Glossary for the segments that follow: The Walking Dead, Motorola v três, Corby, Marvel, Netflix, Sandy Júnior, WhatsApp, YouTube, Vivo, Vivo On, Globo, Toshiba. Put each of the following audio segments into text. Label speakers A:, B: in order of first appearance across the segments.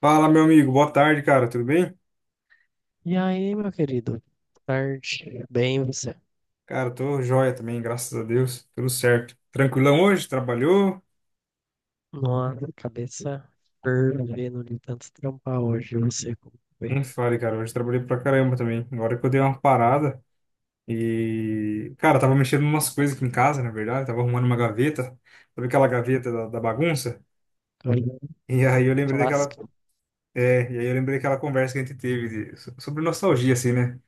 A: Fala, meu amigo. Boa tarde, cara. Tudo bem?
B: E aí, meu querido? Tarde, bem você?
A: Cara, tô joia também, graças a Deus. Tudo certo. Tranquilão hoje? Trabalhou?
B: Nossa, cabeça fervendo de tanto trampar hoje, eu não sei como foi.
A: Não fale, cara. Hoje trabalhei pra caramba também. Agora que eu dei uma parada e, cara, tava mexendo em umas coisas aqui em casa, na verdade. Tava arrumando uma gaveta. Sabe aquela
B: Hum.
A: gaveta da bagunça?
B: tô-
A: E aí
B: hum,
A: eu lembrei daquela.
B: clássico.
A: É, e aí eu lembrei daquela conversa que a gente teve sobre nostalgia, assim, né?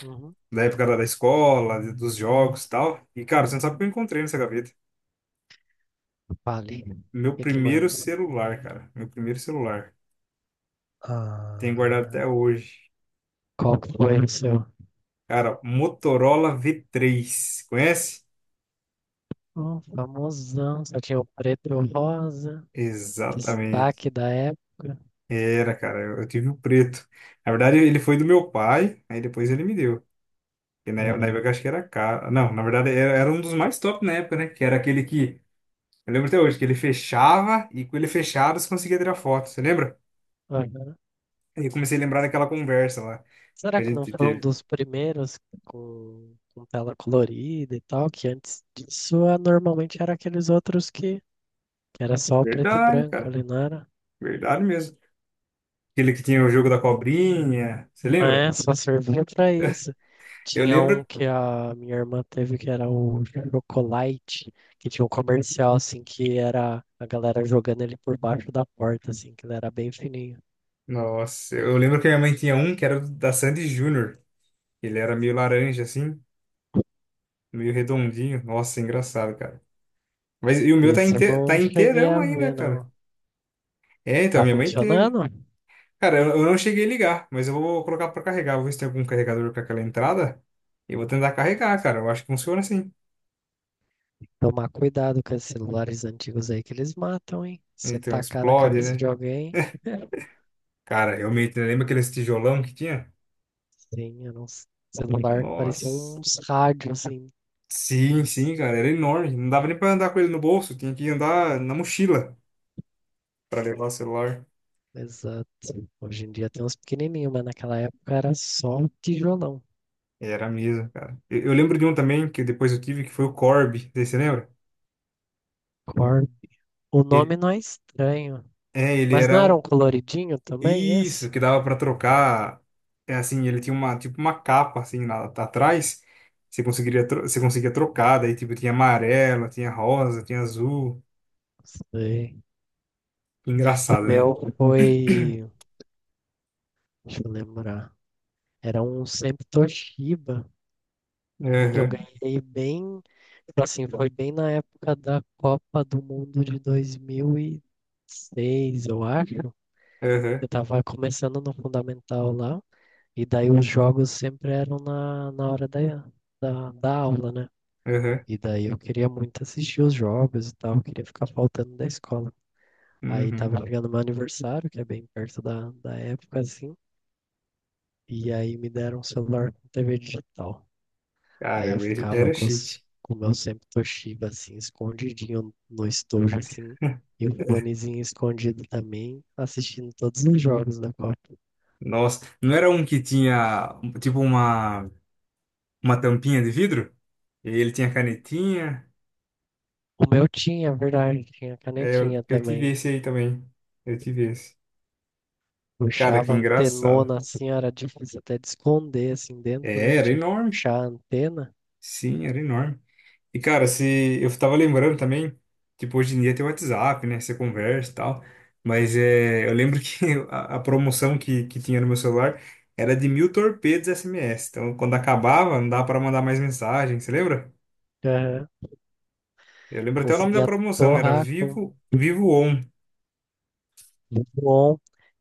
B: Uhum.
A: Da época da escola, dos jogos e tal. E, cara, você não sabe o que eu encontrei nessa gaveta.
B: Fale, o
A: Meu
B: que que
A: primeiro
B: manda?
A: celular, cara. Meu primeiro celular. Tenho guardado
B: Ah,
A: até hoje.
B: qual que foi o seu?
A: Cara, Motorola V3, conhece?
B: Oh, famosão, só tinha o preto e o rosa,
A: Exatamente.
B: destaque da época.
A: Era, cara, eu tive o preto. Na verdade, ele foi do meu pai, aí depois ele me deu. E na
B: Aham.
A: época eu acho que era caro. Não, na verdade era um dos mais top na época, né? Que era aquele que, eu lembro até hoje, que ele fechava e com ele fechado você conseguia tirar foto, você lembra? Aí eu comecei a lembrar daquela conversa lá
B: Será
A: que a
B: que não
A: gente
B: foi um
A: teve.
B: dos primeiros com tela colorida e tal? Que antes disso normalmente era aqueles outros que era só o preto e
A: Verdade,
B: branco
A: cara,
B: ali, não era?
A: verdade mesmo. Aquele que tinha o jogo da cobrinha, você lembra?
B: É, só servia pra isso.
A: Eu
B: Tinha
A: lembro
B: um que a minha irmã teve que era o Chocolate, que tinha um comercial assim que era a galera jogando ele por baixo da porta, assim, que ele era bem fininho.
A: Nossa, eu lembro que a minha mãe tinha um que era da Sandy Júnior. Ele era meio laranja, assim, meio redondinho. Nossa, engraçado, cara. Mas e o meu tá,
B: Esse eu
A: inte tá
B: não cheguei
A: inteirão
B: a
A: ainda,
B: ver, não.
A: cara. É, então,
B: Tá
A: minha mãe teve.
B: funcionando?
A: Cara, eu não cheguei a ligar, mas eu vou colocar pra carregar. Vou ver se tem algum carregador com aquela entrada. E eu vou tentar carregar, cara. Eu acho que funciona assim.
B: Tomar cuidado com esses celulares antigos aí que eles matam, hein? Você
A: Então,
B: tacar na
A: explode,
B: cabeça de
A: né?
B: alguém,
A: Cara, eu me lembra aquele tijolão que tinha?
B: sim, era um celular, parecia
A: Nossa.
B: uns rádios, assim.
A: Sim,
B: Eles-
A: sim, cara, era enorme. Não dava nem pra andar com ele no bolso, tinha que andar na mochila pra levar o celular.
B: Exato. Hoje em dia tem uns pequenininhos, mas naquela época era só um tijolão.
A: Era mesmo, cara. Eu lembro de um também que depois eu tive, que foi o Corby. Você lembra?
B: Cor- O
A: E-
B: nome não é estranho,
A: É, ele
B: mas não
A: era
B: era
A: um.
B: um coloridinho também,
A: Isso,
B: esse?
A: que dava pra trocar. É assim, ele tinha uma, tipo, uma capa assim lá, tá atrás. Você conseguia trocar, daí tipo, tinha amarelo, tinha rosa, tinha azul.
B: Sei. O
A: Engraçado, né?
B: meu foi, deixa eu lembrar, era um sempre Toshiba. Eu
A: Aham,
B: ganhei bem, tipo assim, foi bem na época da Copa do Mundo de 2006 eu acho. Eu
A: aham,
B: tava começando no fundamental lá, e daí os jogos sempre eram na hora da aula, né?
A: aham.
B: E daí eu queria muito assistir os jogos e tal, queria ficar faltando da escola. Aí tava
A: Uhum.
B: chegando meu aniversário, que é bem perto da época, assim, e aí me deram um celular com TV digital. Aí eu
A: Caramba, ele
B: ficava
A: era chique.
B: com o meu sempre Toshiba, assim, escondidinho no estojo, assim, e o fonezinho escondido também, assistindo todos os jogos da Copa.
A: Nossa, não era um que tinha tipo uma tampinha de vidro. E ele tinha canetinha.
B: O meu tinha, é verdade, tinha
A: É, eu,
B: canetinha
A: eu tive
B: também.
A: esse aí também. Eu tive esse. Cara, que
B: Puxava a
A: engraçado.
B: antenona, assim, era difícil até de esconder, assim, dentro,
A: É,
B: né, que
A: era
B: tinha que
A: enorme.
B: puxar a antena.
A: Sim, era enorme. E, cara, se eu tava lembrando também, tipo, hoje em dia tem o WhatsApp, né? Você conversa e tal. Mas é, eu lembro que a promoção que tinha no meu celular era de 1.000 torpedos SMS. Então, quando acabava, não dava pra mandar mais mensagem. Você lembra?
B: Aham.
A: Eu lembro até o nome da
B: Conseguia
A: promoção. Era
B: torrar com
A: Vivo, Vivo On.
B: tudo on.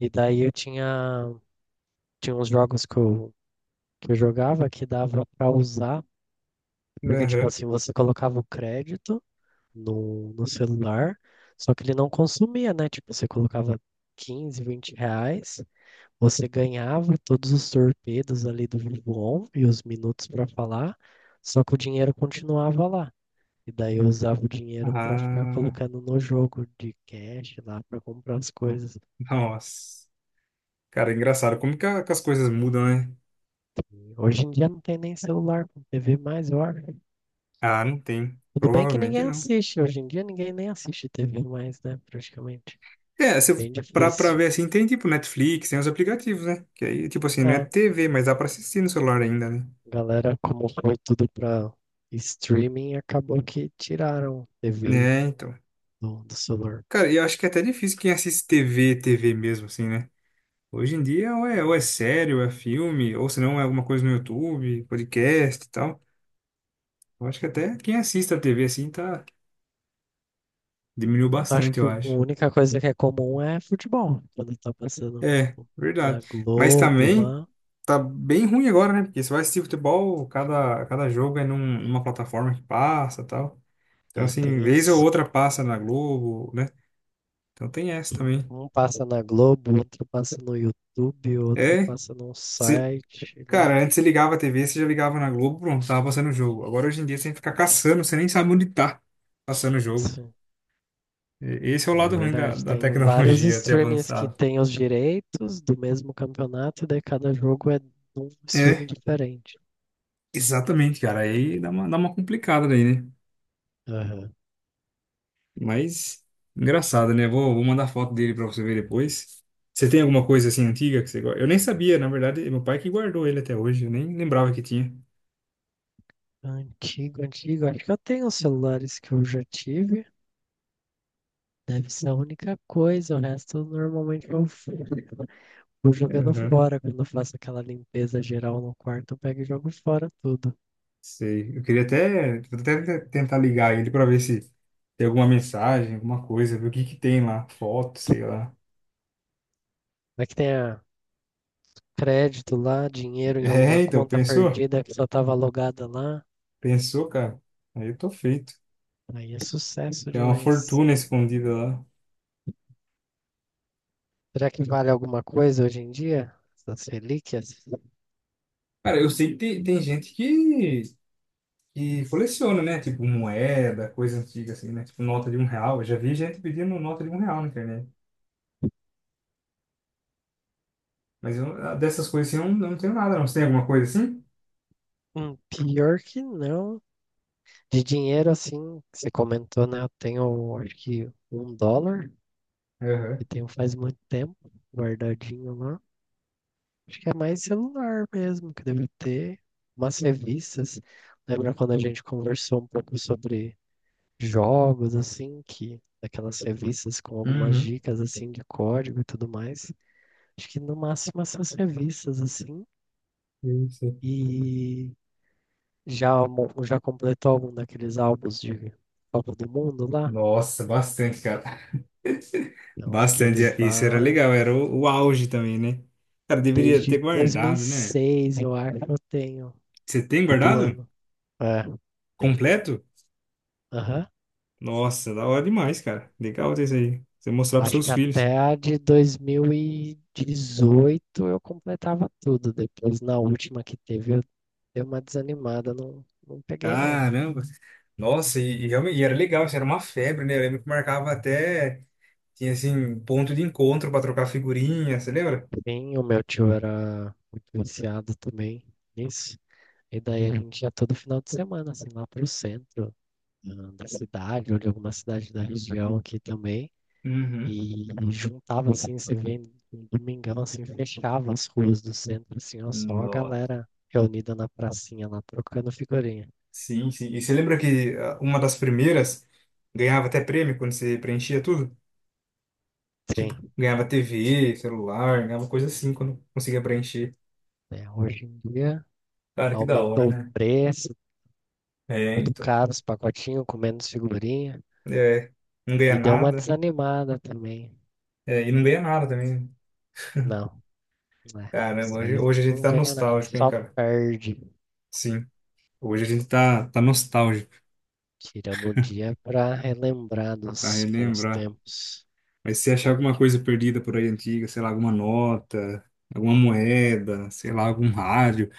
B: E daí eu tinha, tinha uns jogos que eu jogava que dava pra usar. Porque, tipo
A: Aham.
B: assim, você colocava o crédito no celular, só que ele não consumia, né? Tipo, você colocava 15, 20 reais, você ganhava todos os torpedos ali do Vivo e os minutos para falar, só que o dinheiro continuava lá. E daí eu usava o dinheiro para ficar
A: Ah.
B: colocando no jogo de cash lá para comprar as coisas.
A: Nossa, cara, é engraçado. Como que, que as coisas mudam, né?
B: E hoje em dia não tem nem celular com TV mais, eu acho.
A: Ah, não tem.
B: Tudo bem que
A: Provavelmente
B: ninguém
A: não.
B: assiste, hoje em dia ninguém nem assiste TV mais, né? Praticamente.
A: É, se, eu-
B: Bem
A: pra
B: difícil.
A: ver assim, tem tipo Netflix, tem os aplicativos, né? Que aí, tipo assim, não é
B: É,
A: TV, mas dá pra assistir no celular ainda, né?
B: galera, como foi tudo pra streaming, acabou que tiraram TV
A: É, então.
B: do celular.
A: Cara, eu acho que é até difícil quem assiste TV, TV mesmo, assim, né? Hoje em dia, ou é série, ou é filme, ou se não, é alguma coisa no YouTube, podcast e tal. Eu acho que até quem assiste a TV, assim, tá. Diminuiu
B: Acho
A: bastante,
B: que
A: eu
B: a
A: acho.
B: única coisa que é comum é futebol. Quando tá passando,
A: É,
B: tipo, na
A: verdade. Mas
B: Globo
A: também
B: lá,
A: tá bem ruim agora, né? Porque você vai assistir futebol, cada jogo é numa plataforma que passa e tal. Então,
B: né,
A: assim,
B: tem
A: vez ou
B: isso.
A: outra passa na Globo, né? Então tem essa também.
B: Um passa na Globo, outro passa no YouTube, outro
A: É,
B: passa num
A: você-
B: site
A: cara,
B: lá.
A: antes você ligava a TV, você já ligava na Globo, pronto, tava passando o jogo. Agora, hoje em dia, você tem que ficar caçando, você nem sabe onde tá passando o jogo.
B: Sim.
A: Esse é o
B: É
A: lado ruim da,
B: verdade,
A: da
B: tem vários
A: tecnologia ter
B: streamings que
A: avançado.
B: têm os direitos do mesmo campeonato, e daí cada jogo é num streaming
A: É,
B: diferente.
A: exatamente, cara. Aí dá uma complicada daí, né?
B: Aham.
A: Mas engraçado, né? Vou mandar foto dele pra você ver depois. Você tem alguma coisa assim antiga que você gosta? Eu nem sabia, na verdade, meu pai que guardou ele até hoje, eu nem lembrava que tinha.
B: Antigo, antigo. Acho que eu tenho os celulares que eu já tive. Deve ser a única coisa. O resto normalmente eu vou jogando
A: Aham,
B: fora. Quando eu faço aquela limpeza geral no quarto, eu pego e jogo fora tudo.
A: sei. Eu queria até, vou até tentar ligar ele pra ver se tem alguma mensagem, alguma coisa, ver o que que tem lá, foto, sei lá.
B: Vai que tenha crédito lá, dinheiro em alguma
A: É, então,
B: conta
A: pensou?
B: perdida que só estava logada lá.
A: Pensou, cara? Aí eu tô feito.
B: Aí é sucesso
A: Tem uma
B: demais.
A: fortuna escondida lá.
B: Será que vale alguma coisa hoje em dia? Essas relíquias?
A: Cara, eu sei que tem gente que coleciona, né? Tipo moeda, coisa antiga assim, né? Tipo nota de R$ 1. Eu já vi gente pedindo nota de R$ 1 na internet. Mas eu, dessas coisas assim, eu não tenho nada, não. Você tem alguma coisa assim?
B: Pior que não. De dinheiro, assim, que você comentou, né? Eu tenho, acho que um dólar, que
A: Aham.
B: tenho faz muito tempo, guardadinho lá. Acho que é mais celular mesmo, que deve ter umas revistas. Lembra quando a gente conversou um pouco sobre jogos, assim, que aquelas revistas com algumas
A: Uhum.
B: dicas, assim, de código e tudo mais. Acho que no máximo essas revistas, assim.
A: Isso.
B: E já, já completou algum daqueles álbuns de Copa do Mundo lá?
A: Nossa, bastante, cara.
B: Não, aqueles
A: Bastante. Isso era
B: lá,
A: legal, era o auge também, né? Cara, deveria ter
B: desde
A: guardado, né?
B: 2006, eu acho que eu tenho,
A: Você tem
B: todo
A: guardado?
B: ano. É, tenho.
A: Completo?
B: Aham.
A: Nossa, da hora demais, cara. Legal ter isso aí. Você mostrar pros
B: Acho
A: seus
B: que
A: filhos.
B: até a de 2018 eu completava tudo. Depois, na última que teve, eu dei uma desanimada, não, não peguei, não.
A: Caramba! Nossa, e realmente e era legal, isso era uma febre, né? Eu lembro que marcava até, tinha assim, ponto de encontro para trocar figurinha, você lembra?
B: Sim, o meu tio era muito viciado também nisso. E daí a gente ia todo final de semana, assim, lá pro centro da cidade, ou de alguma cidade da região aqui também.
A: Uhum.
B: E juntava assim, você vê no domingão assim, fechava as ruas do centro, assim, ó, só a
A: Nossa.
B: galera reunida na pracinha lá, trocando figurinha.
A: Sim, sim. E você lembra que uma das primeiras ganhava até prêmio quando você preenchia tudo? Tipo,
B: Sim,
A: ganhava TV, celular, ganhava coisa assim quando conseguia preencher.
B: né? Hoje em dia
A: Cara, que da hora,
B: aumentou o
A: né?
B: preço,
A: É,
B: muito
A: então.
B: caro, os pacotinhos com menos figurinha,
A: É, não ganha
B: e deu uma
A: nada.
B: desanimada também.
A: É, e não ganha nada também, né?
B: Não, né?
A: Caramba,
B: Isso
A: hoje,
B: aí
A: hoje a gente
B: não
A: tá
B: ganha nada,
A: nostálgico, hein,
B: só
A: cara?
B: perde.
A: Sim. Hoje a gente tá nostálgico
B: Tiramos o dia pra relembrar
A: pra
B: dos bons
A: relembrar.
B: tempos.
A: Mas se achar alguma coisa perdida por aí antiga, sei lá, alguma nota, alguma moeda, sei lá, algum rádio.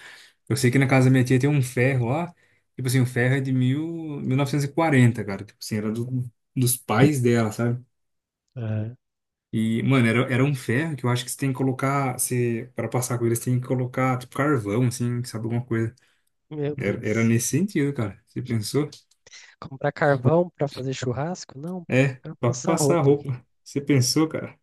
A: Eu sei que na casa da minha tia tem um ferro lá. Tipo assim, o ferro é de 1940, cara. Tipo assim, era dos pais dela, sabe?
B: É.
A: E, mano, era um ferro que eu acho que você tem que colocar, você, pra passar com ele, você tem que colocar, tipo, carvão, assim, sabe, alguma coisa.
B: Meu
A: Era
B: Deus.
A: nesse sentido, cara. Você pensou?
B: Comprar carvão para fazer churrasco? Não, pô,
A: É, pra
B: passar
A: passar a
B: roupa aqui.
A: roupa. Você pensou, cara?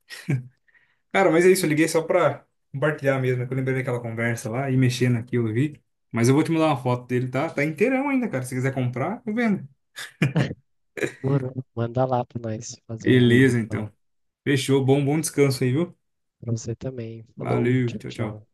A: Cara, mas é isso, eu liguei só pra compartilhar mesmo, é que eu lembrei daquela conversa lá e mexendo aqui eu vi. Mas eu vou te mandar uma foto dele, tá? Tá inteirão ainda, cara. Se quiser comprar, eu vendo.
B: Moro, manda lá pra nós fazer um rolo
A: Beleza,
B: então.
A: então. Fechou, bom, bom descanso aí, viu?
B: Pra você também. Falou,
A: Valeu,
B: tchau,
A: tchau,
B: tchau.
A: tchau.